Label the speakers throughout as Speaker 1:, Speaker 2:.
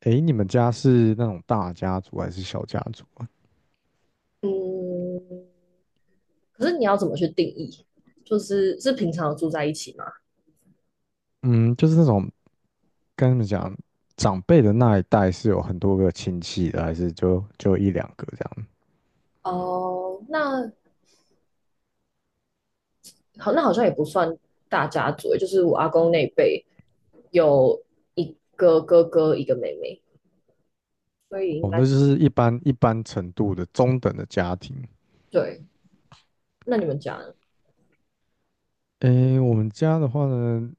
Speaker 1: 诶，你们家是那种大家族还是小家族啊？
Speaker 2: 嗯，可是你要怎么去定义？就是是平常有住在一起吗？
Speaker 1: 嗯，就是那种跟你们讲，长辈的那一代是有很多个亲戚的，还是就一两个这样？
Speaker 2: 哦，那好，那好像也不算大家族欸，就是我阿公那一辈有一个哥哥，一个妹妹，所以应
Speaker 1: 哦，
Speaker 2: 该
Speaker 1: 那就是一般程度的中等的家庭。
Speaker 2: 对。那你们家呢？
Speaker 1: 诶，我们家的话呢，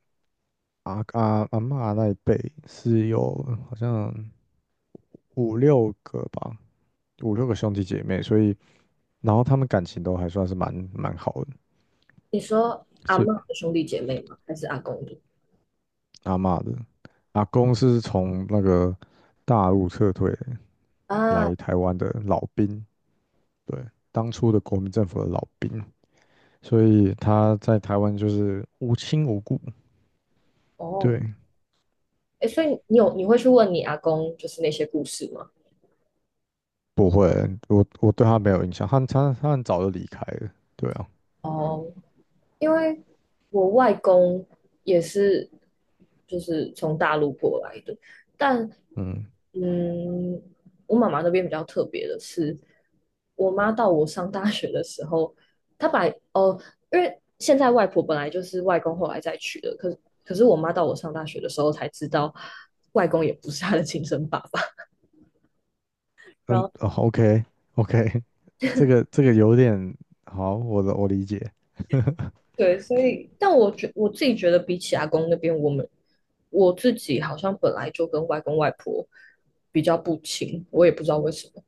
Speaker 1: 阿阿阿嬷那一辈是有好像五六个吧，五六个兄弟姐妹，所以然后他们感情都还算是蛮好的，
Speaker 2: 你说阿
Speaker 1: 是。
Speaker 2: 嬷的兄弟姐妹吗？还是阿公的？
Speaker 1: 阿嬷的，阿公是从那个大陆撤退
Speaker 2: 啊，
Speaker 1: 来台湾的老兵，对，当初的国民政府的老兵，所以他在台湾就是无亲无故，
Speaker 2: 哦，
Speaker 1: 对，
Speaker 2: 哎，所以你会去问你阿公就是那些故事吗？
Speaker 1: 不会，我对他没有印象，他很早就离开了，对啊，
Speaker 2: 哦，因为我外公也是，就是从大陆过来的，但
Speaker 1: 嗯
Speaker 2: 嗯，我妈妈那边比较特别的是，我妈到我上大学的时候，她把哦，因为现在外婆本来就是外公后来再娶的，可是我妈到我上大学的时候才知道，外公也不是她的亲生爸爸。然
Speaker 1: 嗯
Speaker 2: 后。
Speaker 1: ，OK OK。这个有点好，我理解。
Speaker 2: 对，所以，但我自己觉得，比起阿公那边，我自己好像本来就跟外公外婆比较不亲，我也不知道为什么，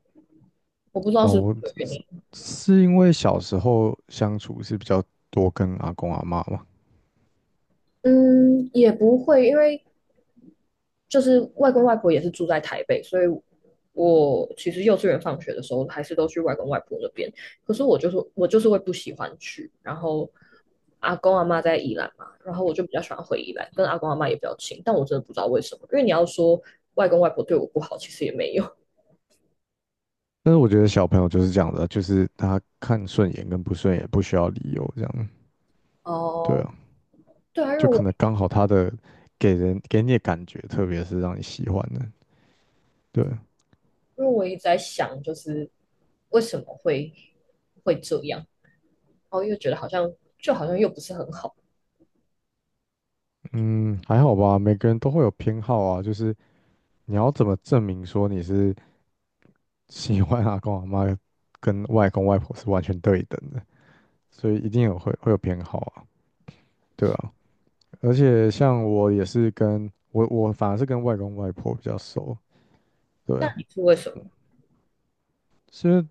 Speaker 2: 我不知道是不是
Speaker 1: 哦，
Speaker 2: 这个原
Speaker 1: 是
Speaker 2: 因。
Speaker 1: 是因为小时候相处是比较多跟阿公阿嬷嘛。
Speaker 2: 嗯，也不会，因为就是外公外婆也是住在台北，所以我其实幼稚园放学的时候还是都去外公外婆那边。可是我就是会不喜欢去，然后阿公阿妈在宜兰嘛，然后我就比较喜欢回宜兰，跟阿公阿妈也比较亲。但我真的不知道为什么，因为你要说外公外婆对我不好，其实也没有。
Speaker 1: 但是我觉得小朋友就是这样的，就是他看顺眼跟不顺眼不需要理由，这样 对
Speaker 2: 哦，
Speaker 1: 啊，
Speaker 2: 呃对啊，因为
Speaker 1: 就可
Speaker 2: 我
Speaker 1: 能刚好他的给人给你的感觉，特别是让你喜欢的，对，
Speaker 2: 因为我一直在想，就是为什么会这样，然后又觉得好像好像又不是很好。
Speaker 1: 嗯，还好吧，每个人都会有偏好啊，就是你要怎么证明说你是 喜欢阿公阿妈跟外公外婆是完全对等的，所以一定有会有偏好啊，对啊，而且像我也是跟我反而是跟外公外婆比较熟，对。
Speaker 2: 那你是为什么？
Speaker 1: 是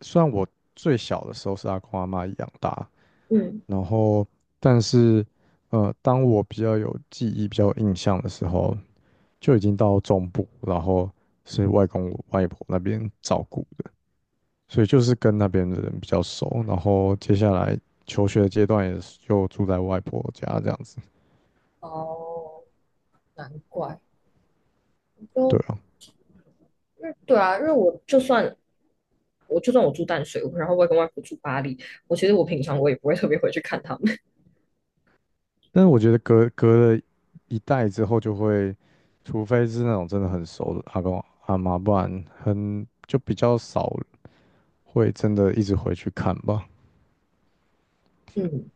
Speaker 1: 虽然我最小的时候是阿公阿嬷养大，
Speaker 2: 嗯，
Speaker 1: 然后但是当我比较有记忆、比较有印象的时候，就已经到中部，然后是外公外婆那边照顾的，所以就是跟那边的人比较熟。然后接下来求学的阶段也是就住在外婆家这样子，
Speaker 2: 哦，难怪，
Speaker 1: 对
Speaker 2: 就
Speaker 1: 啊。
Speaker 2: 因为对啊，因为我就算我住淡水，然后外公外婆住巴黎，我其实我平常我也不会特别回去看他们。
Speaker 1: 但是我觉得隔了一代之后，就会除非是那种真的很熟的阿公阿嬷，不然很就比较少会真的一直回去看吧。
Speaker 2: 嗯，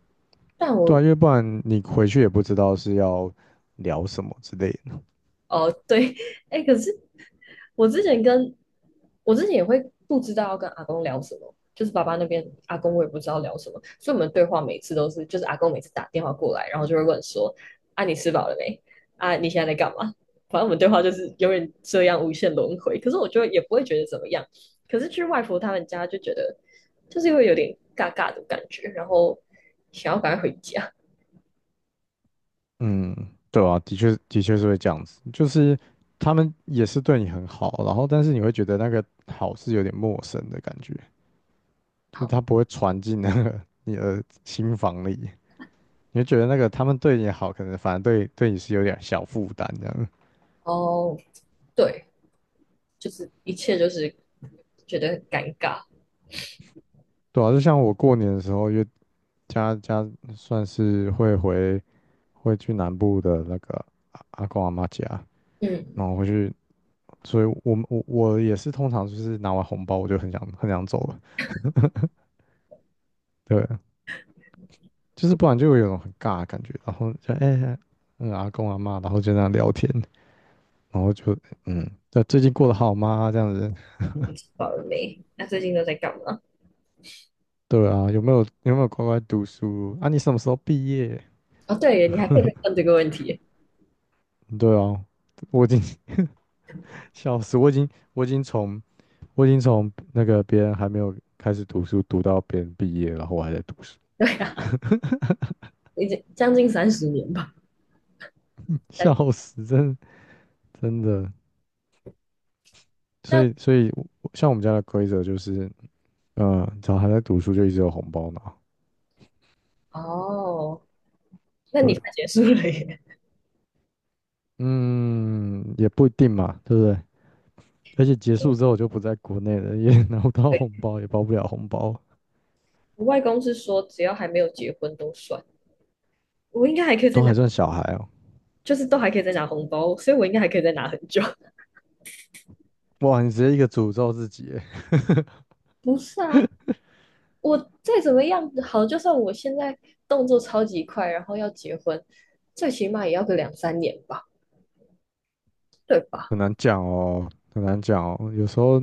Speaker 2: 但
Speaker 1: 对啊，
Speaker 2: 我
Speaker 1: 因为不然你回去也不知道是要聊什么之类的。
Speaker 2: 哦，对，哎，可是我之前跟我之前也会不知道要跟阿公聊什么，就是爸爸那边阿公我也不知道聊什么，所以我们对话每次都是，就是阿公每次打电话过来，然后就会问说：“啊，你吃饱了没？啊，你现在在干嘛？”反正我们对话就是永远这样无限轮回。可是我就也不会觉得怎么样，可是去外婆他们家就觉得就是因为有点尬尬的感觉，然后想要赶快回家。
Speaker 1: 嗯，对啊，的确的确是会这样子，就是他们也是对你很好，然后但是你会觉得那个好是有点陌生的感觉，就是
Speaker 2: 好，
Speaker 1: 他不会传进那个 你的心房里，你会觉得那个他们对你好，可能反而对你是有点小负担这样。
Speaker 2: 哦，对，就是一切就是觉得很尴尬。
Speaker 1: 对啊，就像我过年的时候，因为家算是会去南部的那个阿公阿妈家，然
Speaker 2: 嗯，
Speaker 1: 后回去，所以我们我我也是通常就是拿完红包我就很想很想走了，对，就是不然就会有一种很尬的感觉，然后就哎、欸阿公阿妈，然后就那样聊天，然后就嗯，对，最近过得好吗？这样子，
Speaker 2: 你吃饱了没？那最近都在干嘛？
Speaker 1: 对啊，有没有乖乖读书啊？你什么时候毕业？
Speaker 2: 哦，对耶你还可以再问这个问题。
Speaker 1: 对啊，我已经笑死，我已经从那个别人还没有开始读书读到别人毕业，然后我还在读书。
Speaker 2: 对啊，已经将近30年吧。
Speaker 1: 笑
Speaker 2: 但
Speaker 1: 死，真的真的。所
Speaker 2: 但
Speaker 1: 以所以像我们家的规则就是，只要还在读书就一直有红包拿。
Speaker 2: 哦，那
Speaker 1: 对，
Speaker 2: 你快结束了耶。
Speaker 1: 嗯，也不一定嘛，对不对？而且结束之后我就不在国内了，也 拿不到
Speaker 2: 对，
Speaker 1: 红包，也包不了红包，
Speaker 2: 我外公是说，只要还没有结婚都算。我应该还可以再
Speaker 1: 都还
Speaker 2: 拿，
Speaker 1: 算小孩哦。
Speaker 2: 就是都还可以再拿红包，所以我应该还可以再拿很久。
Speaker 1: 哇，你直接一个诅咒自己耶。
Speaker 2: 不是啊，我再怎么样好，就算我现在动作超级快，然后要结婚，最起码也要个两三年吧，对吧？
Speaker 1: 很难讲哦，很难讲哦。有时候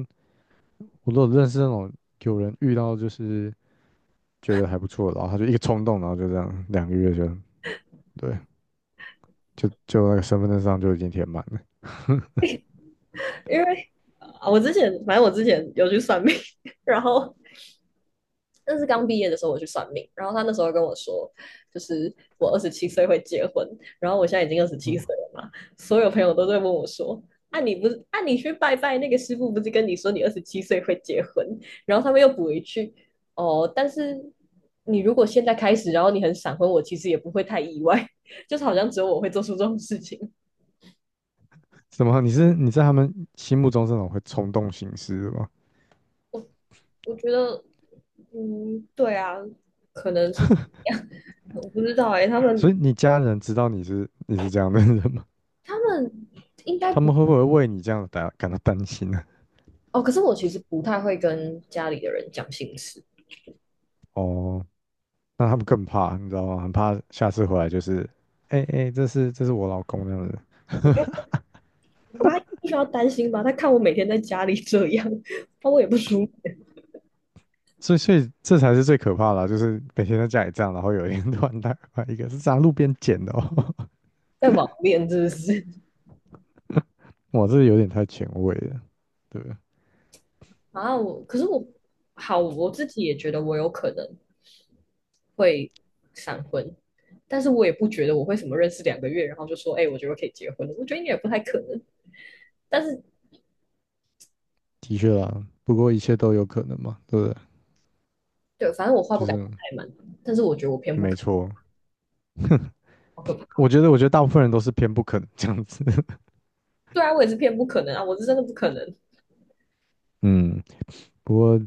Speaker 1: 我都有认识那种有人遇到就是觉得还不错，然后他就一个冲动，然后就这样2个月就对，就那个身份证上就已经填满了。
Speaker 2: 因为啊，我之前反正我之前有去算命，然后那是刚毕业的时候我去算命，然后他那时候跟我说，就是我二十七岁会结婚，然后我现在已经二十七岁
Speaker 1: 嗯。
Speaker 2: 了嘛，所有朋友都在问我说。啊，你不是啊？你去拜拜那个师傅不是跟你说你二十七岁会结婚？然后他们又补一句，哦，但是你如果现在开始，然后你很闪婚，我其实也不会太意外，就是好像只有我会做出这种事情。
Speaker 1: 怎么？你在他们心目中这种会冲动行事的吗？
Speaker 2: 我觉得，嗯，对啊，可能是这样，我不知道哎、他
Speaker 1: 所以
Speaker 2: 们
Speaker 1: 你家人知道你是这样的人吗？
Speaker 2: 他们应 该
Speaker 1: 他
Speaker 2: 不
Speaker 1: 们会不会为你这样感到担心呢？
Speaker 2: 哦，可是我其实不太会跟家里的人讲心事。
Speaker 1: 哦，那他们更怕，你知道吗？很怕下次回来就是，哎、哎、这是我老公那样子。
Speaker 2: 我觉得我妈不需要担心吧？她看我每天在家里这样，她我也不舒服，
Speaker 1: 所以这才是最可怕的啊，就是每天在家里这样，然后有一天突然带回来一个是在路边捡的哦。
Speaker 2: 在网恋真的是？
Speaker 1: 哇，这有点太前卫了，对，
Speaker 2: 啊，我可是我好，我自己也觉得我有可能会闪婚，但是我也不觉得我会什么认识2个月，然后就说，哎、我觉得可以结婚了。我觉得应该也不太可能。但是
Speaker 1: 的确啦，不过一切都有可能嘛，对不对？
Speaker 2: 对，反正我话不
Speaker 1: 就
Speaker 2: 敢讲
Speaker 1: 是
Speaker 2: 太满，但是我觉得我偏不
Speaker 1: 没
Speaker 2: 可能，
Speaker 1: 错，
Speaker 2: 好可怕。
Speaker 1: 我觉得，我觉得大部分人都是偏不肯这样子。
Speaker 2: 对啊，我也是偏不可能啊，我是真的不可能。
Speaker 1: 嗯，不过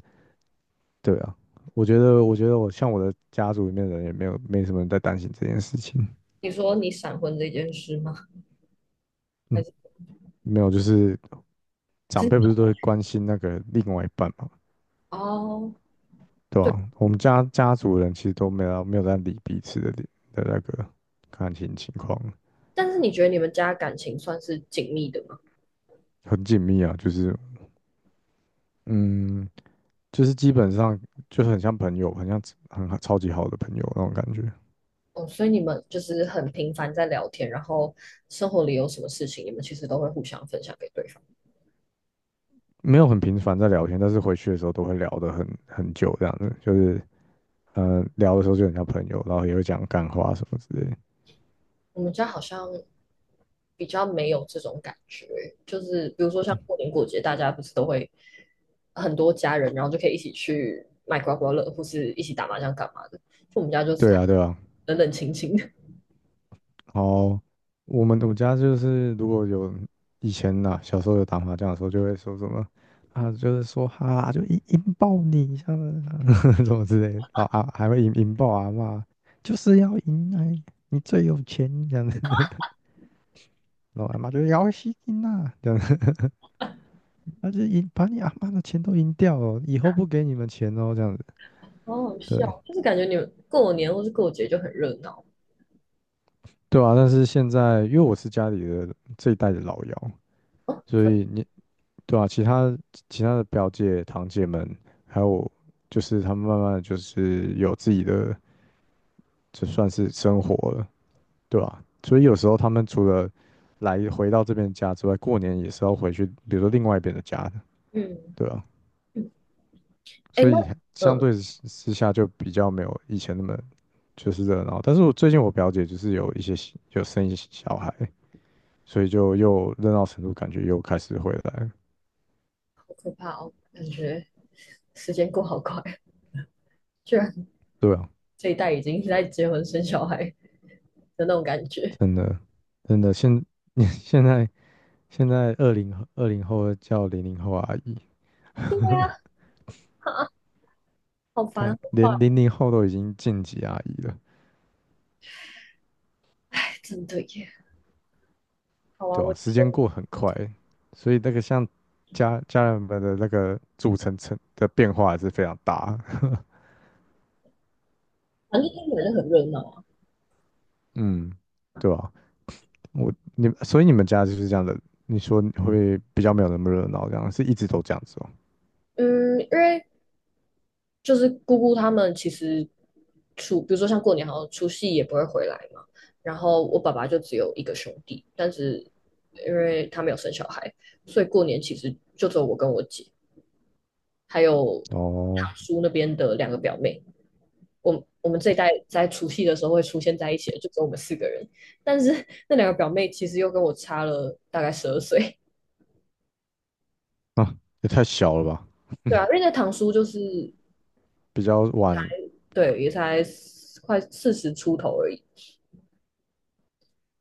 Speaker 1: 对啊，我觉得，我觉得我像我的家族里面的人也没什么人在担心这件事情。
Speaker 2: 你说你闪婚这件事吗？还
Speaker 1: 嗯，
Speaker 2: 是
Speaker 1: 没有，就是
Speaker 2: 还
Speaker 1: 长
Speaker 2: 是
Speaker 1: 辈不是都会关心那个另外一半嘛，
Speaker 2: 哦，
Speaker 1: 对
Speaker 2: 对，
Speaker 1: 吧、我们家家族人其实都没有在理彼此的那个感情情况，
Speaker 2: 但是你觉得你们家感情算是紧密的吗？
Speaker 1: 很紧密啊，就是嗯，就是基本上就是很像朋友，很像很超级好的朋友那种感觉。
Speaker 2: 哦，所以你们就是很频繁在聊天，然后生活里有什么事情，你们其实都会互相分享给对方。
Speaker 1: 没有很频繁在聊天，但是回去的时候都会聊得很久这样子，就是嗯，聊的时候就很像朋友，然后也会讲干话什么之类的
Speaker 2: 我们家好像比较没有这种感觉，就是比如说像过年过节，大家不是都会很多家人，然后就可以一起去买刮刮乐，或是一起打麻将干嘛的。就我们家就是
Speaker 1: 对啊，对啊。
Speaker 2: 冷冷清清的，
Speaker 1: 然后我家就是如果有以前呐、小时候有打麻将的时候，就会说什么啊，就是说哈、啊，就引爆你，像 什么之类的，然后啊还会引爆阿嬷，就是要赢哎，你最有钱这样子，然后阿嬷就要吸金呐，他就赢把你阿妈的钱都赢掉了，以后不给你们钱哦，这样子，
Speaker 2: 好好
Speaker 1: 对
Speaker 2: 笑，就是感觉你们过年或是过节就很热闹
Speaker 1: 对啊。但是现在因为我是家里的这一代的老幺，
Speaker 2: 哦。
Speaker 1: 所
Speaker 2: 真的
Speaker 1: 以你对啊，其他的表姐堂姐们，还有就是他们慢慢的就是有自己的，就算是生活了，对吧？所以有时候他们除了来回到这边家之外，过年也是要回去，比如说另外一边的家的，
Speaker 2: 嗯
Speaker 1: 对啊。
Speaker 2: 嗯，哎，
Speaker 1: 所
Speaker 2: 那
Speaker 1: 以相
Speaker 2: 嗯，
Speaker 1: 对之下就比较没有以前那么就是热闹。但是我最近我表姐就是有生一些小孩，所以就又热闹程度感觉又开始回来了，
Speaker 2: 好可怕哦，感觉时间过好快，居然
Speaker 1: 对啊，
Speaker 2: 这一代已经在结婚生小孩的那种感觉，
Speaker 1: 真的真的现在现在2020后叫零零后阿姨，
Speaker 2: 哈好烦，好
Speaker 1: 看连
Speaker 2: 快，
Speaker 1: 零零后都已经晋级阿姨了，
Speaker 2: 真的耶。好啊，
Speaker 1: 对
Speaker 2: 我
Speaker 1: 吧？
Speaker 2: 觉
Speaker 1: 时间
Speaker 2: 得
Speaker 1: 过很快，所以那个像家人们的那个组成的变化还是非常大。
Speaker 2: 反正听起来就很热闹啊。
Speaker 1: 嗯，对吧、我你们所以你们家就是这样的，你说你会比较没有那么热闹，这样是一直都这样子哦。
Speaker 2: 嗯，因为就是姑姑他们其实比如说像过年，好像除夕也不会回来嘛。然后我爸爸就只有一个兄弟，但是因为他没有生小孩，所以过年其实就只有我跟我姐，还有
Speaker 1: 哦，
Speaker 2: 堂叔那边的两个表妹。我们这一代在除夕的时候会出现在一起的，就只有我们四个人。但是 那两个表妹其实又跟我差了大概12岁，
Speaker 1: 啊，也太小了吧，
Speaker 2: 对啊，因为那堂叔就是
Speaker 1: 比较晚
Speaker 2: 对，也才快40出头而已，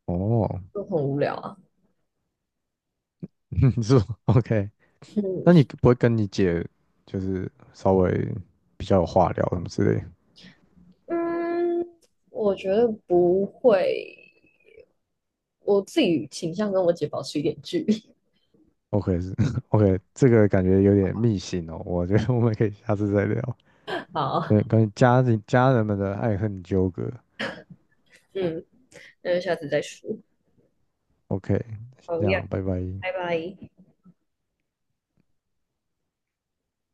Speaker 1: 哦，
Speaker 2: 就很无聊啊。
Speaker 1: 是吧 OK。那
Speaker 2: 嗯，
Speaker 1: 你不会跟你姐就是稍微比较有话聊什么之类
Speaker 2: 嗯，我觉得不会，我自己倾向跟我姐保持一点距离。
Speaker 1: ？OK 是 OK，这个感觉有点密信哦，我觉得我们可以下次再聊。
Speaker 2: 好，
Speaker 1: 对，关于家人们的爱恨纠葛。
Speaker 2: 嗯，那就下次再说。
Speaker 1: OK，先
Speaker 2: 好
Speaker 1: 这
Speaker 2: 呀，
Speaker 1: 样，拜拜。
Speaker 2: 拜拜。